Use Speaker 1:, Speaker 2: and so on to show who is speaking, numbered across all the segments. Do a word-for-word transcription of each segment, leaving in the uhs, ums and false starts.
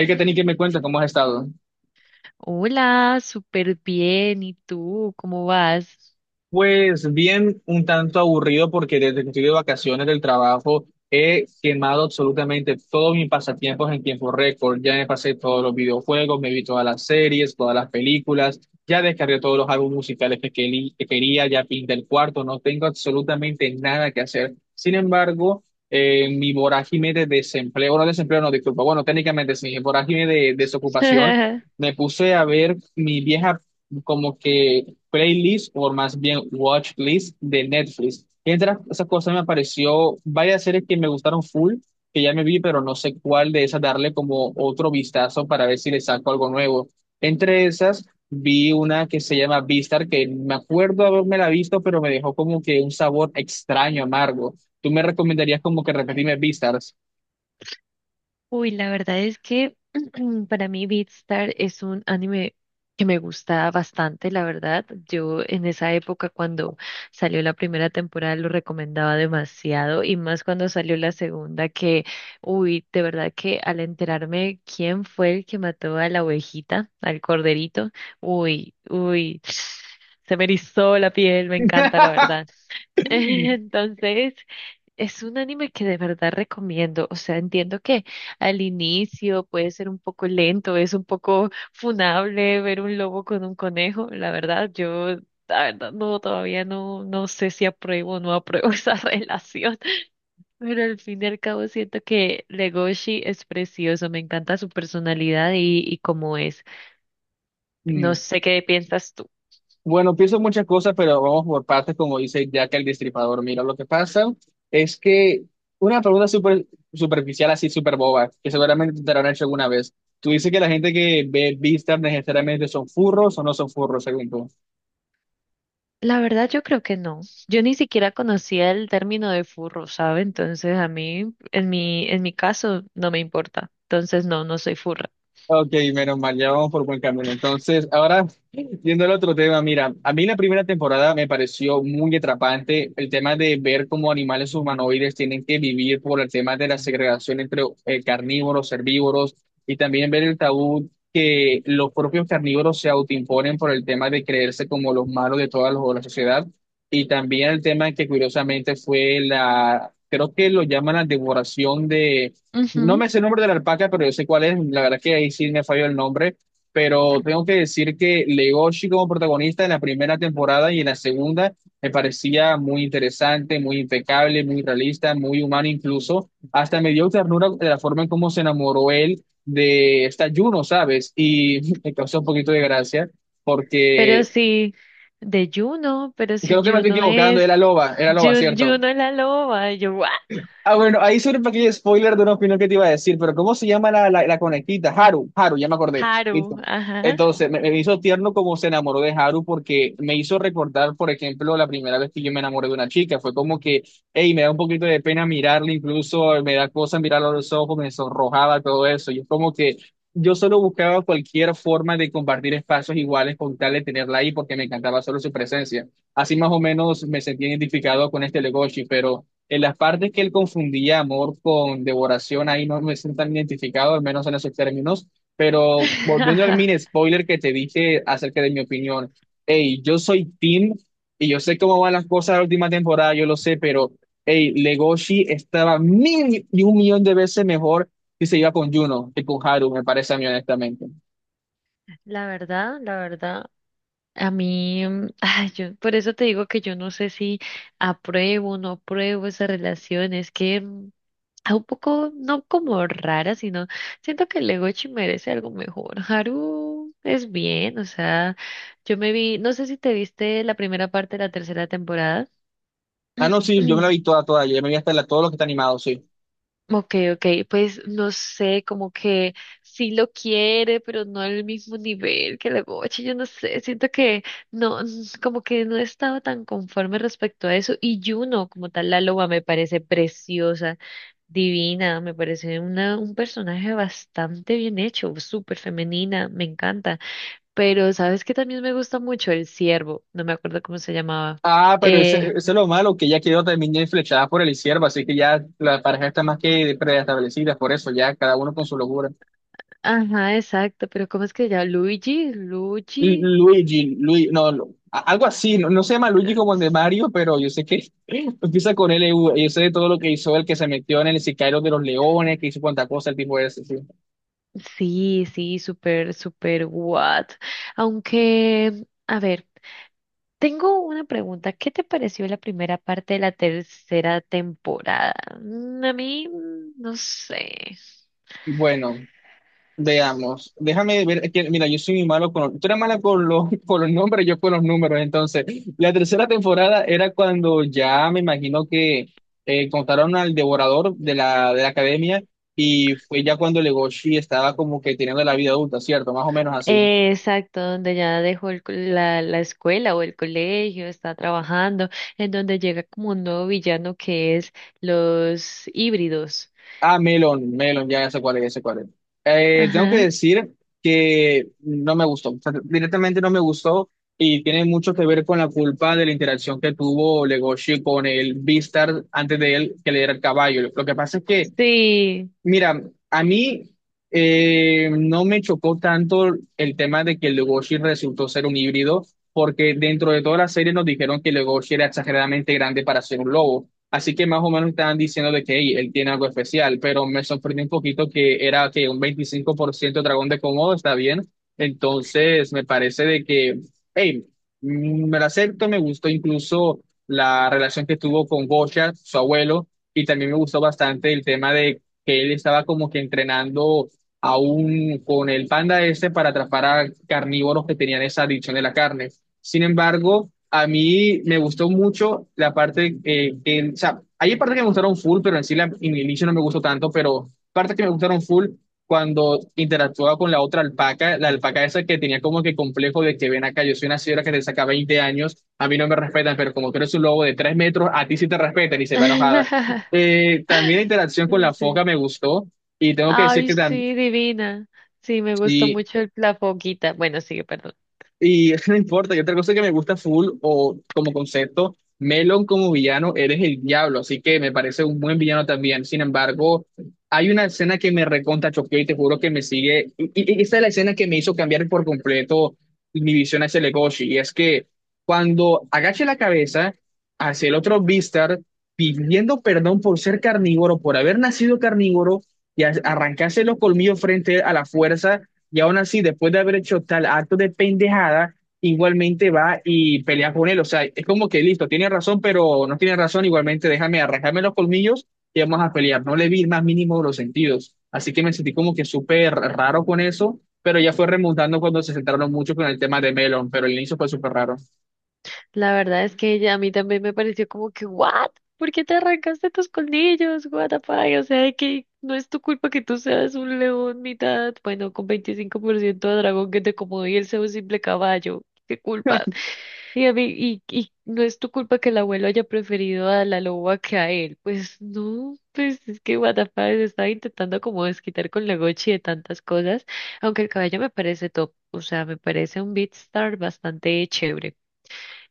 Speaker 1: Es que tenéis que me cuenta cómo has estado.
Speaker 2: Hola, súper bien. ¿Y tú? ¿Cómo vas?
Speaker 1: Pues bien, un tanto aburrido porque desde que estoy de vacaciones del trabajo he quemado absolutamente todos mis pasatiempos en tiempo récord. Ya me pasé todos los videojuegos, me vi todas las series, todas las películas, ya descargué todos los álbumes musicales que, queli- que quería, ya pinté el cuarto, no tengo absolutamente nada que hacer. Sin embargo, eh, mi vorágine de desempleo, no desempleo, no, disculpa, bueno, técnicamente sí, mi vorágine de desocupación, me puse a ver mi vieja como que playlist o más bien watch list de Netflix. Y entre las- esas cosas me apareció varias series que me gustaron full, que ya me vi, pero no sé cuál de esas darle como otro vistazo para ver si le saco algo nuevo. Entre esas vi una que se llama Vistar, que me acuerdo haberme la visto, pero me dejó como que un sabor extraño, amargo. ¿Tú me recomendarías como que repetirme Vistars?
Speaker 2: Uy, la verdad es que para mí Beatstar es un anime que me gusta bastante, la verdad. Yo en esa época cuando salió la primera temporada lo recomendaba demasiado y más cuando salió la segunda que, uy, de verdad que al enterarme quién fue el que mató a la ovejita, al corderito, uy, uy, se me erizó la piel, me encanta, la verdad. Entonces, es un anime que de verdad recomiendo. O sea, entiendo que al inicio puede ser un poco lento, es un poco funable ver un lobo con un conejo. La verdad, yo, la verdad, no, todavía no, no sé si apruebo o no apruebo esa relación. Pero al fin y al cabo siento que Legoshi es precioso, me encanta su personalidad y, y cómo es. No sé qué piensas tú.
Speaker 1: Bueno, pienso muchas cosas, pero vamos por partes, como dice Jack el Destripador. Mira, lo que pasa es que una pregunta súper superficial, así súper boba, que seguramente te la han hecho alguna vez. Tú dices que la gente que ve vistas necesariamente son furros o no son furros, según tú.
Speaker 2: La verdad yo creo que no. Yo ni siquiera conocía el término de furro, ¿sabe? Entonces a mí, en mi, en mi caso, no me importa. Entonces no, no soy furra.
Speaker 1: Ok, menos mal, ya vamos por buen camino. Entonces, ahora, yendo al otro tema, mira, a mí la primera temporada me pareció muy atrapante el tema de ver cómo animales humanoides tienen que vivir por el tema de la segregación entre eh, carnívoros, herbívoros, y también ver el tabú que los propios carnívoros se autoimponen por el tema de creerse como los malos de toda la la sociedad, y también el tema que curiosamente fue la, creo que lo llaman la devoración. No
Speaker 2: Ujú.
Speaker 1: me sé el nombre de la alpaca, pero yo sé cuál es. La verdad que ahí sí me falló el nombre. Pero tengo que decir que Legoshi como protagonista en la primera temporada y en la segunda me parecía muy interesante, muy impecable, muy realista, muy humano incluso. Hasta me dio ternura de la forma en cómo se enamoró él de esta Juno, ¿sabes? Y me causó un poquito de gracia
Speaker 2: Pero
Speaker 1: porque
Speaker 2: sí, de Juno, pero si
Speaker 1: creo que me estoy
Speaker 2: Juno
Speaker 1: equivocando,
Speaker 2: es,
Speaker 1: era loba, era loba,
Speaker 2: Jun-
Speaker 1: ¿cierto?
Speaker 2: Juno es la loba, y yo, ¿what?
Speaker 1: Ah, bueno, ahí sobre un pequeño spoiler de una opinión que te iba a decir, pero ¿cómo se llama la, la, la conejita? Haru, Haru, ya me acordé. Listo.
Speaker 2: Haru, ajá.
Speaker 1: Entonces, me, me hizo tierno como se enamoró de Haru porque me hizo recordar, por ejemplo, la primera vez que yo me enamoré de una chica. Fue como que, hey, me da un poquito de pena mirarla, incluso me da cosa mirarla a los ojos, me sonrojaba, todo eso. Y es como que yo solo buscaba cualquier forma de compartir espacios iguales con tal de tenerla ahí porque me encantaba solo su presencia. Así más o menos me sentí identificado con este Legoshi, pero. En las partes que él confundía amor con devoración, ahí no me siento tan identificado, al menos en esos términos. Pero volviendo al mini spoiler que te dije acerca de mi opinión, hey, yo soy Tim y yo sé cómo van las cosas de la última temporada, yo lo sé, pero hey, Legoshi estaba mil y un millón de veces mejor si se iba con Juno que con Haru, me parece a mí, honestamente.
Speaker 2: La verdad, la verdad, a mí, mm, ay, yo, por eso te digo que yo no sé si apruebo o no apruebo esa relación, es que mm, ah, un poco, no como rara, sino siento que Legochi merece algo mejor. Haru es bien, o sea, yo me vi, no sé si te viste la primera parte de la tercera temporada.
Speaker 1: Ah, no, sí, yo me la vi toda, toda, yo me vi hasta la, todo lo que está animado, sí.
Speaker 2: Ok, ok, pues no sé, como que sí lo quiere, pero no al mismo nivel que la Gochi, yo no sé, siento que no, n- como que no he estado tan conforme respecto a eso, y Juno, como tal, la loba me parece preciosa, divina, me parece una, un personaje bastante bien hecho, súper femenina, me encanta, pero sabes que también me gusta mucho el ciervo, no me acuerdo cómo se llamaba,
Speaker 1: Ah, pero ese,
Speaker 2: eh,
Speaker 1: ese es lo malo, que ya quedó también flechada por el izquierdo, así que ya la pareja está más que preestablecida, por eso ya cada uno con su locura.
Speaker 2: ajá, exacto, pero ¿cómo es que se llama? Luigi,
Speaker 1: L-
Speaker 2: Luigi.
Speaker 1: Luigi, Luigi, no, no, a- algo así, no, no se llama Luigi
Speaker 2: eh,
Speaker 1: como el de Mario, pero yo sé que empieza con L LU, yo sé de todo lo que hizo el que se metió en el sicario de los leones, que hizo cuanta cosa el tipo ese, sí.
Speaker 2: Sí, sí, súper, súper what. Aunque, a ver, tengo una pregunta. ¿Qué te pareció la primera parte de la tercera temporada? Mm, A mí, mm, no sé.
Speaker 1: Y bueno, veamos, déjame ver, que, mira, yo soy muy malo con, tú eres mala con los, con los nombres, yo con los números, entonces, la tercera temporada era cuando ya me imagino que eh, contaron al devorador de la, de la academia y fue ya cuando Legoshi estaba como que teniendo la vida adulta, ¿cierto? Más o menos así.
Speaker 2: Eh, Exacto, donde ya dejó el co- la, la escuela o el colegio, está trabajando, en donde llega como un nuevo villano que es los híbridos.
Speaker 1: Ah, Melon, Melon, ya, sé cuál es, ya sé cuál es. Eh, tengo que
Speaker 2: Ajá.
Speaker 1: decir que no me gustó, o sea, directamente no me gustó y tiene mucho que ver con la culpa de la interacción que tuvo Legoshi con el Beastars antes de él que le diera el caballo. Lo que pasa es que
Speaker 2: Sí.
Speaker 1: mira, a mí eh, no me chocó tanto el tema de que Legoshi resultó ser un híbrido, porque dentro de toda la serie nos dijeron que Legoshi era exageradamente grande para ser un lobo. Así que más o menos estaban diciendo de que "Ey, él tiene algo especial", pero me sorprendió un poquito que era que un veinticinco por ciento dragón de Komodo, está bien. Entonces me parece de que, hey, mm, me lo acepto, me gustó incluso la relación que tuvo con Gosha, su abuelo. Y también me gustó bastante el tema de que él estaba como que entrenando aún con el panda ese para atrapar a carnívoros que tenían esa adicción de la carne. Sin embargo, a mí me gustó mucho la parte, eh, que- o sea, hay partes que me gustaron full, pero en sí la, en el inicio no me gustó tanto, pero partes que me gustaron full cuando interactuaba con la otra alpaca, la alpaca esa que tenía como que complejo de que ven acá, yo soy una señora que te saca veinte años, a mí no me respetan, pero como tú eres un lobo de tres metros, a ti sí te respetan y se va enojada. Eh, también la interacción con la
Speaker 2: Sí.
Speaker 1: foca me gustó y tengo que decir
Speaker 2: Ay,
Speaker 1: que también,
Speaker 2: sí, divina. Sí, me gustó mucho el- la foquita. Bueno, sigue, perdón.
Speaker 1: y no importa, y otra cosa que me gusta full o como concepto, Melon como villano, eres el diablo, así que me parece un buen villano también. Sin embargo, hay una escena que me recontra choqueó y te juro que me sigue. Y, y- y esa es la escena que me hizo cambiar por completo mi visión hacia Legoshi. Y es que cuando agaché la cabeza hacia el otro Beastar, pidiendo perdón por ser carnívoro, por haber nacido carnívoro, y a- arrancarse los colmillos frente a la fuerza. Y aún así, después de haber hecho tal acto de pendejada, igualmente va y pelea con él. O sea, es como que listo, tiene razón, pero no tiene razón. Igualmente, déjame arrancarme los colmillos y vamos a pelear. No le vi el más mínimo de los sentidos. Así que me sentí como que súper raro con eso, pero ya fue remontando cuando se centraron mucho con el tema de Melon, pero el inicio fue súper raro.
Speaker 2: La verdad es que ella a mí también me pareció como que, ¿what? ¿Por qué te arrancaste tus colmillos? What the fuck? O sea, que no es tu culpa que tú seas un león mitad, bueno, con veinticinco por ciento de dragón que te como y él sea un simple caballo. ¿Qué culpa? Sí, a mí, y, y no es tu culpa que el abuelo haya preferido a la loba que a él. Pues no, pues es que what the fuck, se estaba intentando como desquitar con la Gochi de tantas cosas, aunque el caballo me parece top, o sea, me parece un beatstar bastante chévere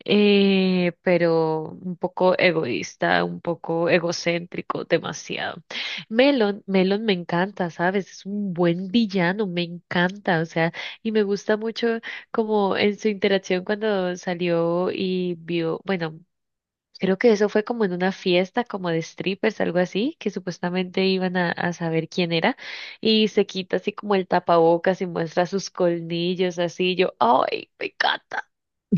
Speaker 2: eh, pero un poco egoísta, un poco egocéntrico, demasiado. Melon, Melon me encanta, ¿sabes? Es un buen villano, me encanta, o sea, y me gusta mucho como en su interacción cuando salió y vio, bueno, creo que eso fue como en una fiesta, como de strippers, algo así, que supuestamente iban a, a saber quién era, y se quita así como el tapabocas y muestra sus colmillos, así, yo, ¡ay, me encanta!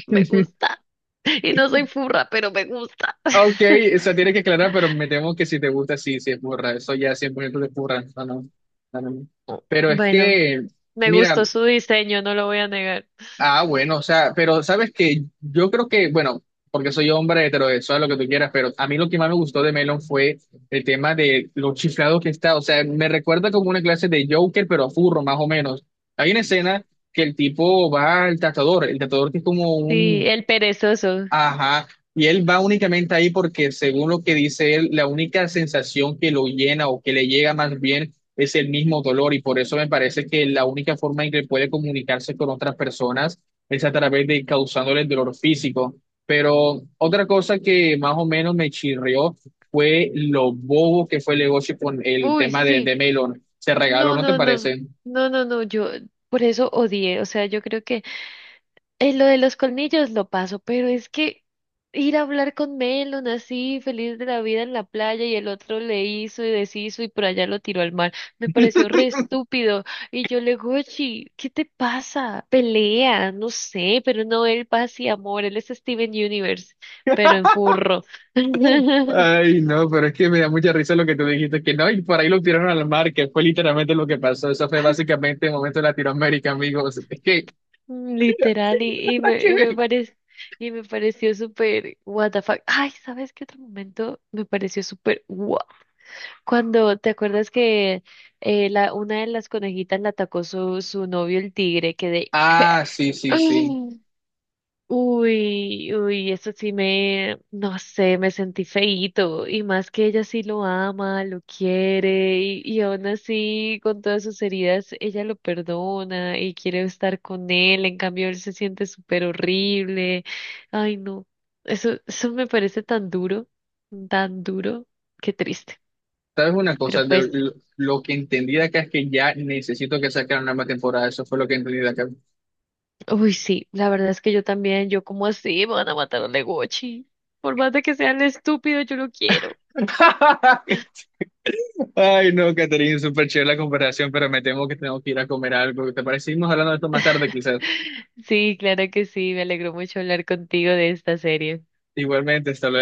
Speaker 2: Me gusta. Y no soy furra, pero me gusta.
Speaker 1: Ok, eso tiene que aclarar, pero me temo que si te gusta, sí, sí, es burra. Eso ya cien por ciento de burra. No, no, no, no. Pero es
Speaker 2: Bueno,
Speaker 1: que,
Speaker 2: me
Speaker 1: mira,
Speaker 2: gustó su diseño, no lo voy a negar.
Speaker 1: ah, bueno, o sea, pero sabes que yo creo que, bueno, porque soy hombre heterosexual, lo que tú quieras, pero a mí lo que más me gustó de Melon fue el tema de lo chiflado que está, o sea, me recuerda como una clase de Joker, pero a furro, más o menos. Hay una escena que el tipo va al tatuador, el tatuador que es como
Speaker 2: Sí,
Speaker 1: un,
Speaker 2: el perezoso.
Speaker 1: ajá. Y él va únicamente ahí porque, según lo que dice él, la única sensación que lo llena o que le llega más bien es el mismo dolor. Y por eso me parece que la única forma en que puede comunicarse con otras personas es a través de causándole el dolor físico. Pero otra cosa que más o menos me chirrió fue lo bobo que fue el negocio con el
Speaker 2: Uy,
Speaker 1: tema de, de
Speaker 2: sí.
Speaker 1: Melon. Se regaló,
Speaker 2: No,
Speaker 1: ¿no te
Speaker 2: no, no.
Speaker 1: parece?
Speaker 2: No, no, no. Yo por eso odié. O sea, yo creo que Eh, lo de los colmillos lo paso, pero es que ir a hablar con Melon así, feliz de la vida en la playa, y el otro le hizo y deshizo y por allá lo tiró al mar, me pareció re estúpido. Y yo le Gochi, ¿qué te pasa? Pelea, no sé, pero no, él paz y amor, él es Steven Universe, pero en furro.
Speaker 1: Ay, no, pero es que me da mucha risa lo que tú dijiste, que no, y por ahí lo tiraron al mar, que fue literalmente lo que pasó. Eso fue básicamente el momento de Latinoamérica, amigos. Es que, mira, sí,
Speaker 2: Literal, y, y
Speaker 1: nada
Speaker 2: me,
Speaker 1: que
Speaker 2: y me
Speaker 1: ver.
Speaker 2: parece. Y me pareció súper, what the fuck. Ay, ¿sabes qué otro momento me pareció súper, wow? Cuando te acuerdas que eh, la, una de las conejitas la atacó su, su novio el tigre, que de...
Speaker 1: Ah, sí, sí, sí.
Speaker 2: Ay, uy, uy, eso sí me, no sé, me sentí feíto. Y más que ella sí lo ama, lo quiere, y, y aún así, con todas sus heridas, ella lo perdona y quiere estar con él. En cambio, él se siente súper horrible. Ay, no. Eso, eso me parece tan duro, tan duro, qué triste.
Speaker 1: ¿Sabes una cosa?
Speaker 2: Pero
Speaker 1: Lo,
Speaker 2: pues.
Speaker 1: lo- lo que entendí de acá es que ya necesito que saquen una más temporada. Eso fue lo que entendí de acá.
Speaker 2: Uy, sí, la verdad es que yo también, yo como así, me van a matar a Legochi. Por más de que sean estúpidos, yo lo quiero.
Speaker 1: Ay, no, Caterina, súper chévere la comparación, pero me temo que tengo que ir a comer algo. ¿Te parece? Seguimos hablando de esto más tarde, quizás.
Speaker 2: Sí, claro que sí, me alegró mucho hablar contigo de esta serie.
Speaker 1: Igualmente, hasta luego.